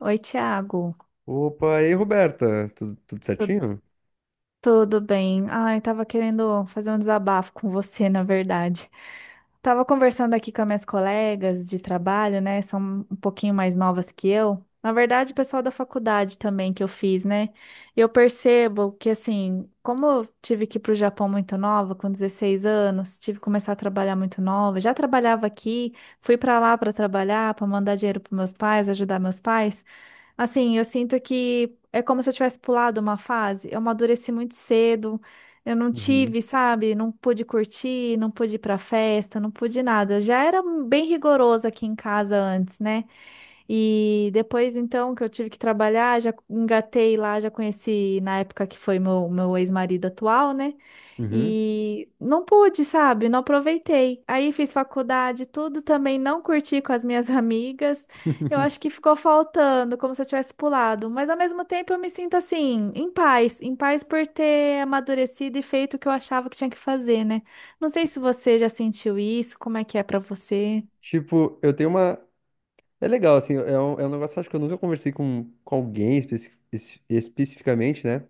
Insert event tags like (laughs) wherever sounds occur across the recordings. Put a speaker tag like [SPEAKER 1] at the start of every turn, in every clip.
[SPEAKER 1] Oi, Thiago.
[SPEAKER 2] Opa, e aí, Roberta? Tudo
[SPEAKER 1] Tu-
[SPEAKER 2] certinho?
[SPEAKER 1] Tudo bem? Ai, tava querendo fazer um desabafo com você, na verdade. Tava conversando aqui com as minhas colegas de trabalho, né? São um pouquinho mais novas que eu. Na verdade, o pessoal da faculdade também que eu fiz, né? E eu percebo que, assim, como eu tive que ir para o Japão muito nova, com 16 anos, tive que começar a trabalhar muito nova. Já trabalhava aqui, fui para lá para trabalhar, para mandar dinheiro para meus pais, ajudar meus pais. Assim, eu sinto que é como se eu tivesse pulado uma fase. Eu amadureci muito cedo. Eu não
[SPEAKER 2] Uhum.
[SPEAKER 1] tive, sabe? Não pude curtir, não pude ir pra festa, não pude nada. Já era bem rigoroso aqui em casa antes, né? E depois, então, que eu tive que trabalhar, já engatei lá, já conheci na época que foi meu ex-marido atual, né?
[SPEAKER 2] Uhum.
[SPEAKER 1] E não pude, sabe? Não aproveitei. Aí fiz faculdade, tudo também não curti com as minhas (laughs) amigas. Eu acho que ficou faltando, como se eu tivesse pulado. Mas ao mesmo tempo eu me sinto assim, em paz por ter amadurecido e feito o que eu achava que tinha que fazer, né? Não sei se você já sentiu isso, como é que é pra você?
[SPEAKER 2] Tipo, eu tenho uma. É legal, assim, é um negócio acho que eu nunca conversei com alguém especificamente, né?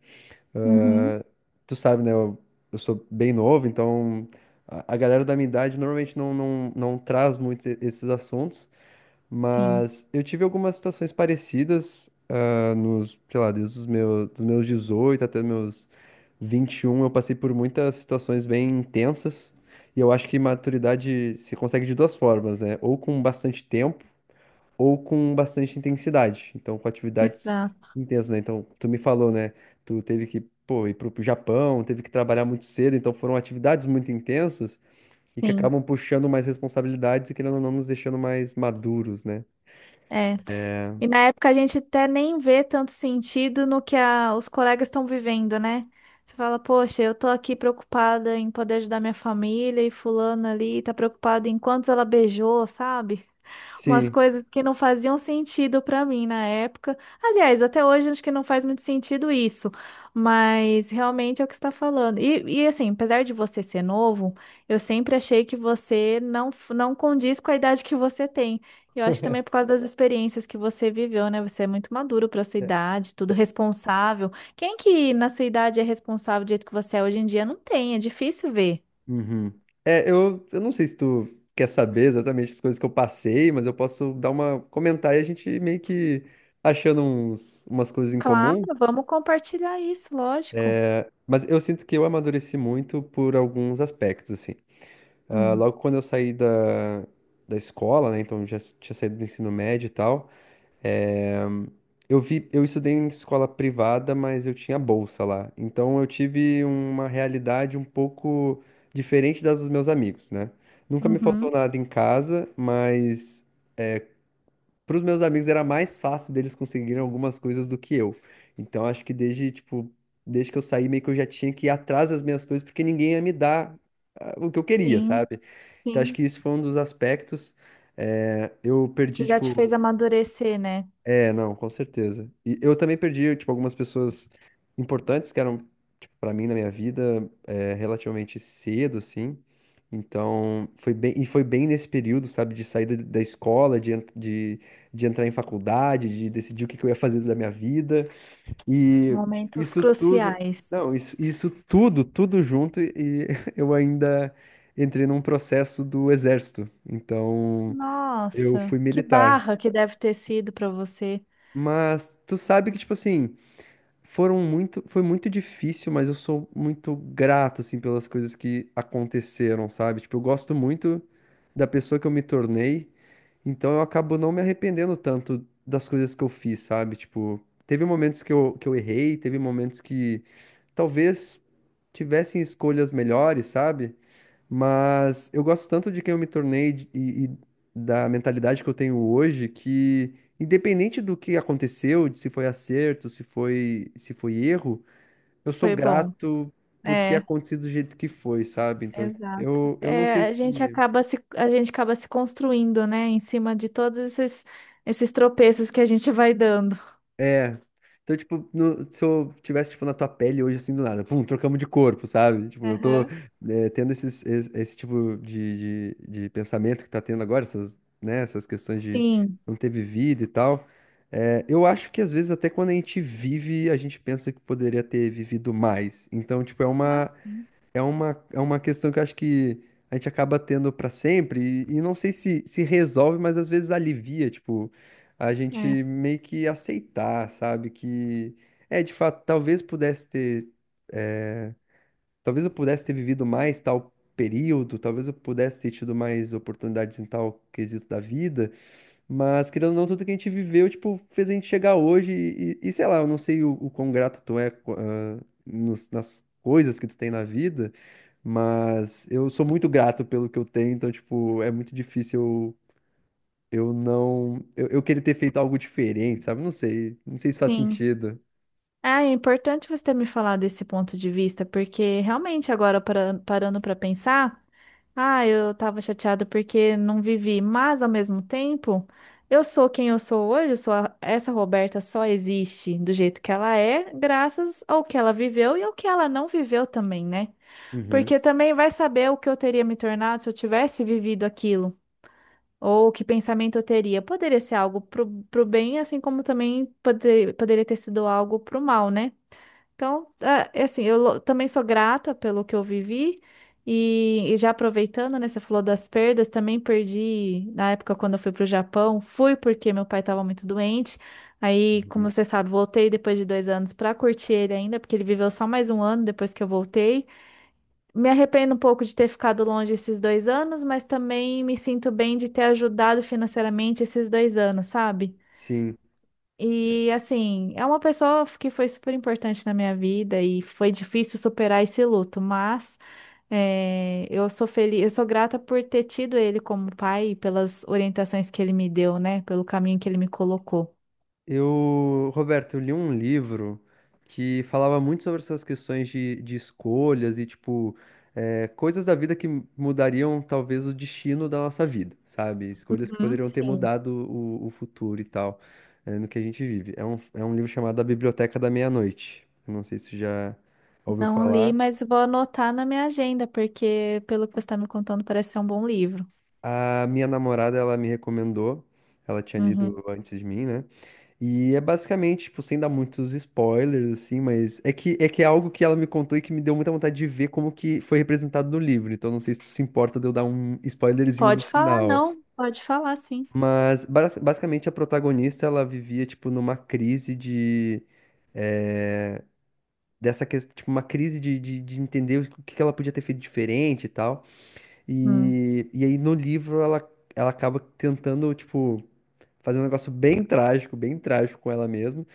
[SPEAKER 1] Uhum,
[SPEAKER 2] Ah, Tu sabe, né? Eu sou bem novo, então a galera da minha idade normalmente não traz muito esses assuntos,
[SPEAKER 1] sim.
[SPEAKER 2] mas eu tive algumas situações parecidas nos, sei lá, desde os meus, dos meus 18 até meus 21, eu passei por muitas situações bem intensas. E eu acho que maturidade se consegue de duas formas, né? Ou com bastante tempo, ou com bastante intensidade. Então, com atividades
[SPEAKER 1] Exato,
[SPEAKER 2] intensas, né? Então, tu me falou, né? Tu teve que, pô, ir pro Japão, teve que trabalhar muito cedo. Então, foram atividades muito intensas e que
[SPEAKER 1] sim.
[SPEAKER 2] acabam puxando mais responsabilidades e, querendo ou não, nos deixando mais maduros, né?
[SPEAKER 1] É. E na época a gente até nem vê tanto sentido no que os colegas estão vivendo, né? Você fala, poxa, eu tô aqui preocupada em poder ajudar minha família e fulana ali tá preocupada em quantos ela beijou, sabe? Umas
[SPEAKER 2] Sim.
[SPEAKER 1] coisas que não faziam sentido pra mim na época. Aliás, até hoje acho que não faz muito sentido isso, mas realmente é o que você está falando. Assim, apesar de você ser novo, eu sempre achei que você não condiz com a idade que você tem. Eu acho que também é por
[SPEAKER 2] (laughs)
[SPEAKER 1] causa das experiências que você viveu, né? Você é muito maduro para sua idade, tudo responsável. Quem que na sua idade é responsável do jeito que você é hoje em dia? Não tem, é difícil ver.
[SPEAKER 2] Uhum. É, eu não sei se tu quer saber exatamente as coisas que eu passei, mas eu posso dar uma comentar e a gente meio que achando uns, umas coisas em
[SPEAKER 1] Claro,
[SPEAKER 2] comum.
[SPEAKER 1] vamos compartilhar isso, lógico.
[SPEAKER 2] Mas eu sinto que eu amadureci muito por alguns aspectos, assim. Ah,
[SPEAKER 1] Hum.
[SPEAKER 2] logo quando eu saí da escola, né? Então tinha saído do ensino médio e tal. É, eu vi, eu estudei em escola privada, mas eu tinha bolsa lá. Então eu tive uma realidade um pouco diferente das dos meus amigos, né? Nunca me faltou
[SPEAKER 1] Uhum.
[SPEAKER 2] nada em casa, mas para os meus amigos era mais fácil deles conseguirem algumas coisas do que eu. Então acho que desde, tipo, desde que eu saí, meio que eu já tinha que ir atrás das minhas coisas, porque ninguém ia me dar ah, o que eu queria,
[SPEAKER 1] Sim,
[SPEAKER 2] sabe? Então acho
[SPEAKER 1] sim.
[SPEAKER 2] que isso foi um dos aspectos. Eu
[SPEAKER 1] Que
[SPEAKER 2] perdi,
[SPEAKER 1] já te
[SPEAKER 2] tipo,
[SPEAKER 1] fez amadurecer, né?
[SPEAKER 2] é, não, com certeza. E eu também perdi, tipo, algumas pessoas importantes que eram, tipo, pra mim na minha vida, é, relativamente cedo, assim. Então, foi bem, e foi bem nesse período, sabe, de saída da escola, de entrar em faculdade, de decidir o que que eu ia fazer da minha vida. E
[SPEAKER 1] Momentos
[SPEAKER 2] isso tudo,
[SPEAKER 1] cruciais.
[SPEAKER 2] não, isso, isso tudo junto, e (laughs) eu ainda entrei num processo do exército. Então, eu
[SPEAKER 1] Nossa,
[SPEAKER 2] fui
[SPEAKER 1] que
[SPEAKER 2] militar.
[SPEAKER 1] barra que deve ter sido para você.
[SPEAKER 2] Mas tu sabe que, tipo assim, foram muito, foi muito difícil, mas eu sou muito grato, assim, pelas coisas que aconteceram, sabe? Tipo, eu gosto muito da pessoa que eu me tornei, então eu acabo não me arrependendo tanto das coisas que eu fiz, sabe? Tipo, teve momentos que eu errei, teve momentos que talvez tivessem escolhas melhores, sabe? Mas eu gosto tanto de quem eu me tornei e da mentalidade que eu tenho hoje que, independente do que aconteceu, de se foi acerto, se foi erro, eu sou
[SPEAKER 1] Foi bom.
[SPEAKER 2] grato por ter
[SPEAKER 1] É,
[SPEAKER 2] acontecido do jeito que foi, sabe? Então,
[SPEAKER 1] exato.
[SPEAKER 2] eu não sei
[SPEAKER 1] É, a gente
[SPEAKER 2] se.
[SPEAKER 1] acaba se, a gente acaba se construindo, né? Em cima de todos esses, esses tropeços que a gente vai dando.
[SPEAKER 2] É. Então, tipo, se eu tivesse, tipo, na tua pele hoje, assim, do nada, pum, trocamos de corpo, sabe? Tipo, eu tô
[SPEAKER 1] Aham.
[SPEAKER 2] tendo esse tipo de pensamento que tá tendo agora, essas, né, essas questões de
[SPEAKER 1] Sim.
[SPEAKER 2] não ter vivido e tal. Eu acho que, às vezes, até quando a gente vive, a gente pensa que poderia ter vivido mais. Então, tipo,
[SPEAKER 1] Ah, sim.
[SPEAKER 2] é uma questão que eu acho que a gente acaba tendo pra sempre e não sei se resolve, mas às vezes alivia, tipo, a gente
[SPEAKER 1] É,
[SPEAKER 2] meio que aceitar, sabe? Que é, de fato, talvez pudesse ter, eh, talvez eu pudesse ter vivido mais tal período, talvez eu pudesse ter tido mais oportunidades em tal quesito da vida, mas, querendo ou não, tudo que a gente viveu, tipo, fez a gente chegar hoje e, e sei lá, eu não sei o quão grato tu é, nas coisas que tu tem na vida, mas eu sou muito grato pelo que eu tenho, então, tipo, é muito difícil eu não... eu querer ter feito algo diferente, sabe? Não sei, não sei se faz
[SPEAKER 1] sim.
[SPEAKER 2] sentido.
[SPEAKER 1] Ah, é importante você ter me falado desse ponto de vista, porque realmente agora, parando para pensar. Ah, eu tava chateada porque não vivi, mas ao mesmo tempo, eu sou quem eu sou hoje, eu sou essa Roberta só existe do jeito que ela é, graças ao que ela viveu e ao que ela não viveu também, né?
[SPEAKER 2] Uhum.
[SPEAKER 1] Porque também vai saber o que eu teria me tornado se eu tivesse vivido aquilo, ou que pensamento eu teria. Poderia ser algo pro bem, assim como também poderia ter sido algo pro mal, né? Então, ah, é assim, eu também sou grata pelo que eu vivi e já aproveitando, né, você falou das perdas, também perdi na época quando eu fui para o Japão, fui porque meu pai estava muito doente. Aí, como
[SPEAKER 2] Uhum.
[SPEAKER 1] você sabe, voltei depois de 2 anos para curtir ele ainda, porque ele viveu só mais um ano depois que eu voltei. Me arrependo um pouco de ter ficado longe esses 2 anos, mas também me sinto bem de ter ajudado financeiramente esses 2 anos, sabe?
[SPEAKER 2] Sim.
[SPEAKER 1] E assim, é uma pessoa que foi super importante na minha vida e foi difícil superar esse luto, mas eu sou feliz, eu sou grata por ter tido ele como pai e pelas orientações que ele me deu, né? Pelo caminho que ele me colocou.
[SPEAKER 2] Eu, Roberto, eu li um livro que falava muito sobre essas questões de escolhas e, tipo, coisas da vida que mudariam talvez o destino da nossa vida, sabe? Escolhas que
[SPEAKER 1] Uhum,
[SPEAKER 2] poderiam ter
[SPEAKER 1] sim,
[SPEAKER 2] mudado o futuro e tal, no que a gente vive. É um livro chamado A Biblioteca da Meia-Noite. Eu não sei se você já ouviu
[SPEAKER 1] não li,
[SPEAKER 2] falar.
[SPEAKER 1] mas vou anotar na minha agenda, porque pelo que você está me contando, parece ser um bom livro.
[SPEAKER 2] A minha namorada, ela me recomendou, ela tinha
[SPEAKER 1] Uhum.
[SPEAKER 2] lido antes de mim, né? E é basicamente, tipo, sem dar muitos spoilers, assim, mas é que, é que é algo que ela me contou e que me deu muita vontade de ver como que foi representado no livro. Então não sei se tu se importa de eu dar um spoilerzinho do
[SPEAKER 1] Pode falar,
[SPEAKER 2] final.
[SPEAKER 1] não, pode falar, sim.
[SPEAKER 2] Mas basicamente a protagonista, ela vivia, tipo, numa crise de... eh, dessa questão, tipo, uma crise de entender o que que ela podia ter feito diferente e tal.
[SPEAKER 1] Hum,
[SPEAKER 2] E aí no livro ela, ela acaba tentando, tipo fazendo um negócio bem trágico com ela mesma.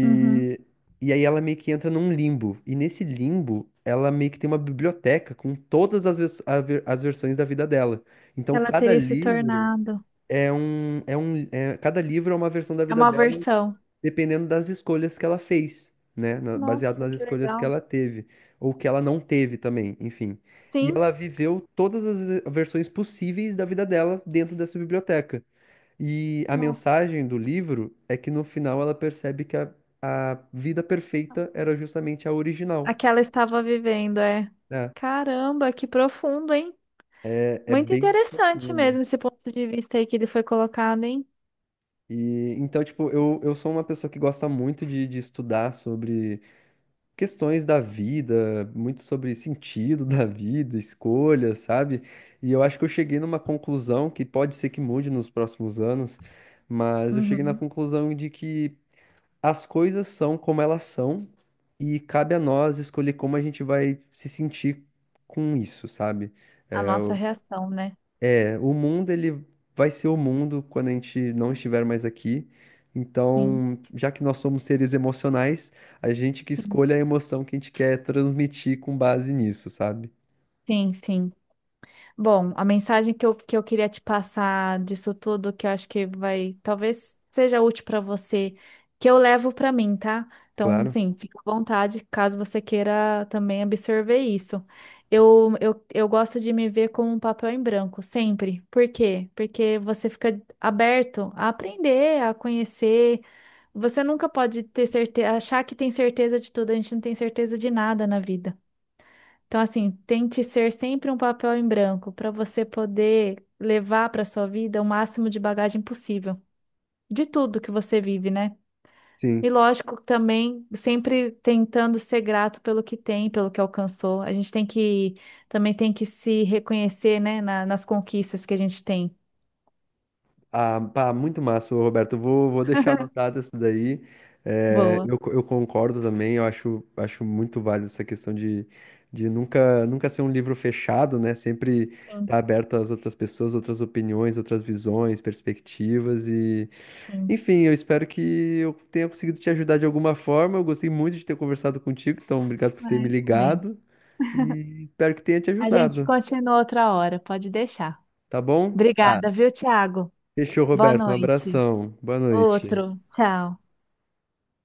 [SPEAKER 1] uhum.
[SPEAKER 2] e aí ela meio que entra num limbo. E nesse limbo, ela meio que tem uma biblioteca com todas as, as versões da vida dela. Então
[SPEAKER 1] Ela
[SPEAKER 2] cada
[SPEAKER 1] teria se
[SPEAKER 2] livro
[SPEAKER 1] tornado.
[SPEAKER 2] cada livro é uma versão da
[SPEAKER 1] É
[SPEAKER 2] vida
[SPEAKER 1] uma
[SPEAKER 2] dela,
[SPEAKER 1] versão.
[SPEAKER 2] dependendo das escolhas que ela fez, né? Baseado
[SPEAKER 1] Nossa,
[SPEAKER 2] nas
[SPEAKER 1] que
[SPEAKER 2] escolhas que
[SPEAKER 1] legal.
[SPEAKER 2] ela teve, ou que ela não teve também, enfim. E
[SPEAKER 1] Sim.
[SPEAKER 2] ela viveu todas as versões possíveis da vida dela dentro dessa biblioteca. E a
[SPEAKER 1] Nossa.
[SPEAKER 2] mensagem do livro é que no final ela percebe que a vida perfeita era justamente a
[SPEAKER 1] A
[SPEAKER 2] original,
[SPEAKER 1] que ela estava vivendo, é.
[SPEAKER 2] né?
[SPEAKER 1] Caramba, que profundo, hein?
[SPEAKER 2] É, é
[SPEAKER 1] Muito
[SPEAKER 2] bem
[SPEAKER 1] interessante
[SPEAKER 2] profundo.
[SPEAKER 1] mesmo esse ponto de vista aí que ele foi colocado, hein?
[SPEAKER 2] E então, tipo, eu sou uma pessoa que gosta muito de estudar sobre questões da vida, muito sobre sentido da vida, escolhas, sabe? E eu acho que eu cheguei numa conclusão que pode ser que mude nos próximos anos, mas eu cheguei na
[SPEAKER 1] Uhum.
[SPEAKER 2] conclusão de que as coisas são como elas são e cabe a nós escolher como a gente vai se sentir com isso, sabe?
[SPEAKER 1] A
[SPEAKER 2] É,
[SPEAKER 1] nossa
[SPEAKER 2] o
[SPEAKER 1] reação, né?
[SPEAKER 2] o mundo, ele vai ser o mundo quando a gente não estiver mais aqui.
[SPEAKER 1] Sim,
[SPEAKER 2] Então, já que nós somos seres emocionais, a gente que
[SPEAKER 1] sim,
[SPEAKER 2] escolhe a emoção que a gente quer transmitir com base nisso, sabe?
[SPEAKER 1] sim, sim. Bom, a mensagem que eu queria te passar disso tudo, que eu acho que vai, talvez seja útil para você, que eu levo para mim, tá? Então,
[SPEAKER 2] Claro.
[SPEAKER 1] sim, fica à vontade, caso você queira também absorver isso. Eu gosto de me ver como um papel em branco, sempre. Por quê? Porque você fica aberto a aprender, a conhecer. Você nunca pode ter certeza, achar que tem certeza de tudo, a gente não tem certeza de nada na vida. Então, assim, tente ser sempre um papel em branco para você poder levar para sua vida o máximo de bagagem possível, de tudo que você vive, né? E
[SPEAKER 2] Sim.
[SPEAKER 1] lógico, também sempre tentando ser grato pelo que tem, pelo que alcançou. A gente tem que também tem que se reconhecer, né, nas conquistas que a gente tem.
[SPEAKER 2] Ah, pá, muito massa, ô, Roberto. Eu vou, vou deixar anotado isso daí. É,
[SPEAKER 1] Boa.
[SPEAKER 2] eu, eu concordo também, eu acho, acho muito válido essa questão de nunca ser um livro fechado, né? Sempre
[SPEAKER 1] Sim,
[SPEAKER 2] estar aberto às outras pessoas, outras opiniões, outras visões, perspectivas e...
[SPEAKER 1] sim.
[SPEAKER 2] Enfim, eu espero que eu tenha conseguido te ajudar de alguma forma. Eu gostei muito de ter conversado contigo, então obrigado por ter me
[SPEAKER 1] É, bem.
[SPEAKER 2] ligado e espero que tenha te
[SPEAKER 1] A gente
[SPEAKER 2] ajudado,
[SPEAKER 1] continua outra hora, pode deixar.
[SPEAKER 2] tá bom? Tá.
[SPEAKER 1] Obrigada, viu, Thiago?
[SPEAKER 2] Fechou,
[SPEAKER 1] Boa
[SPEAKER 2] Roberto. Um
[SPEAKER 1] noite.
[SPEAKER 2] abração. Boa noite.
[SPEAKER 1] Outro. Tchau.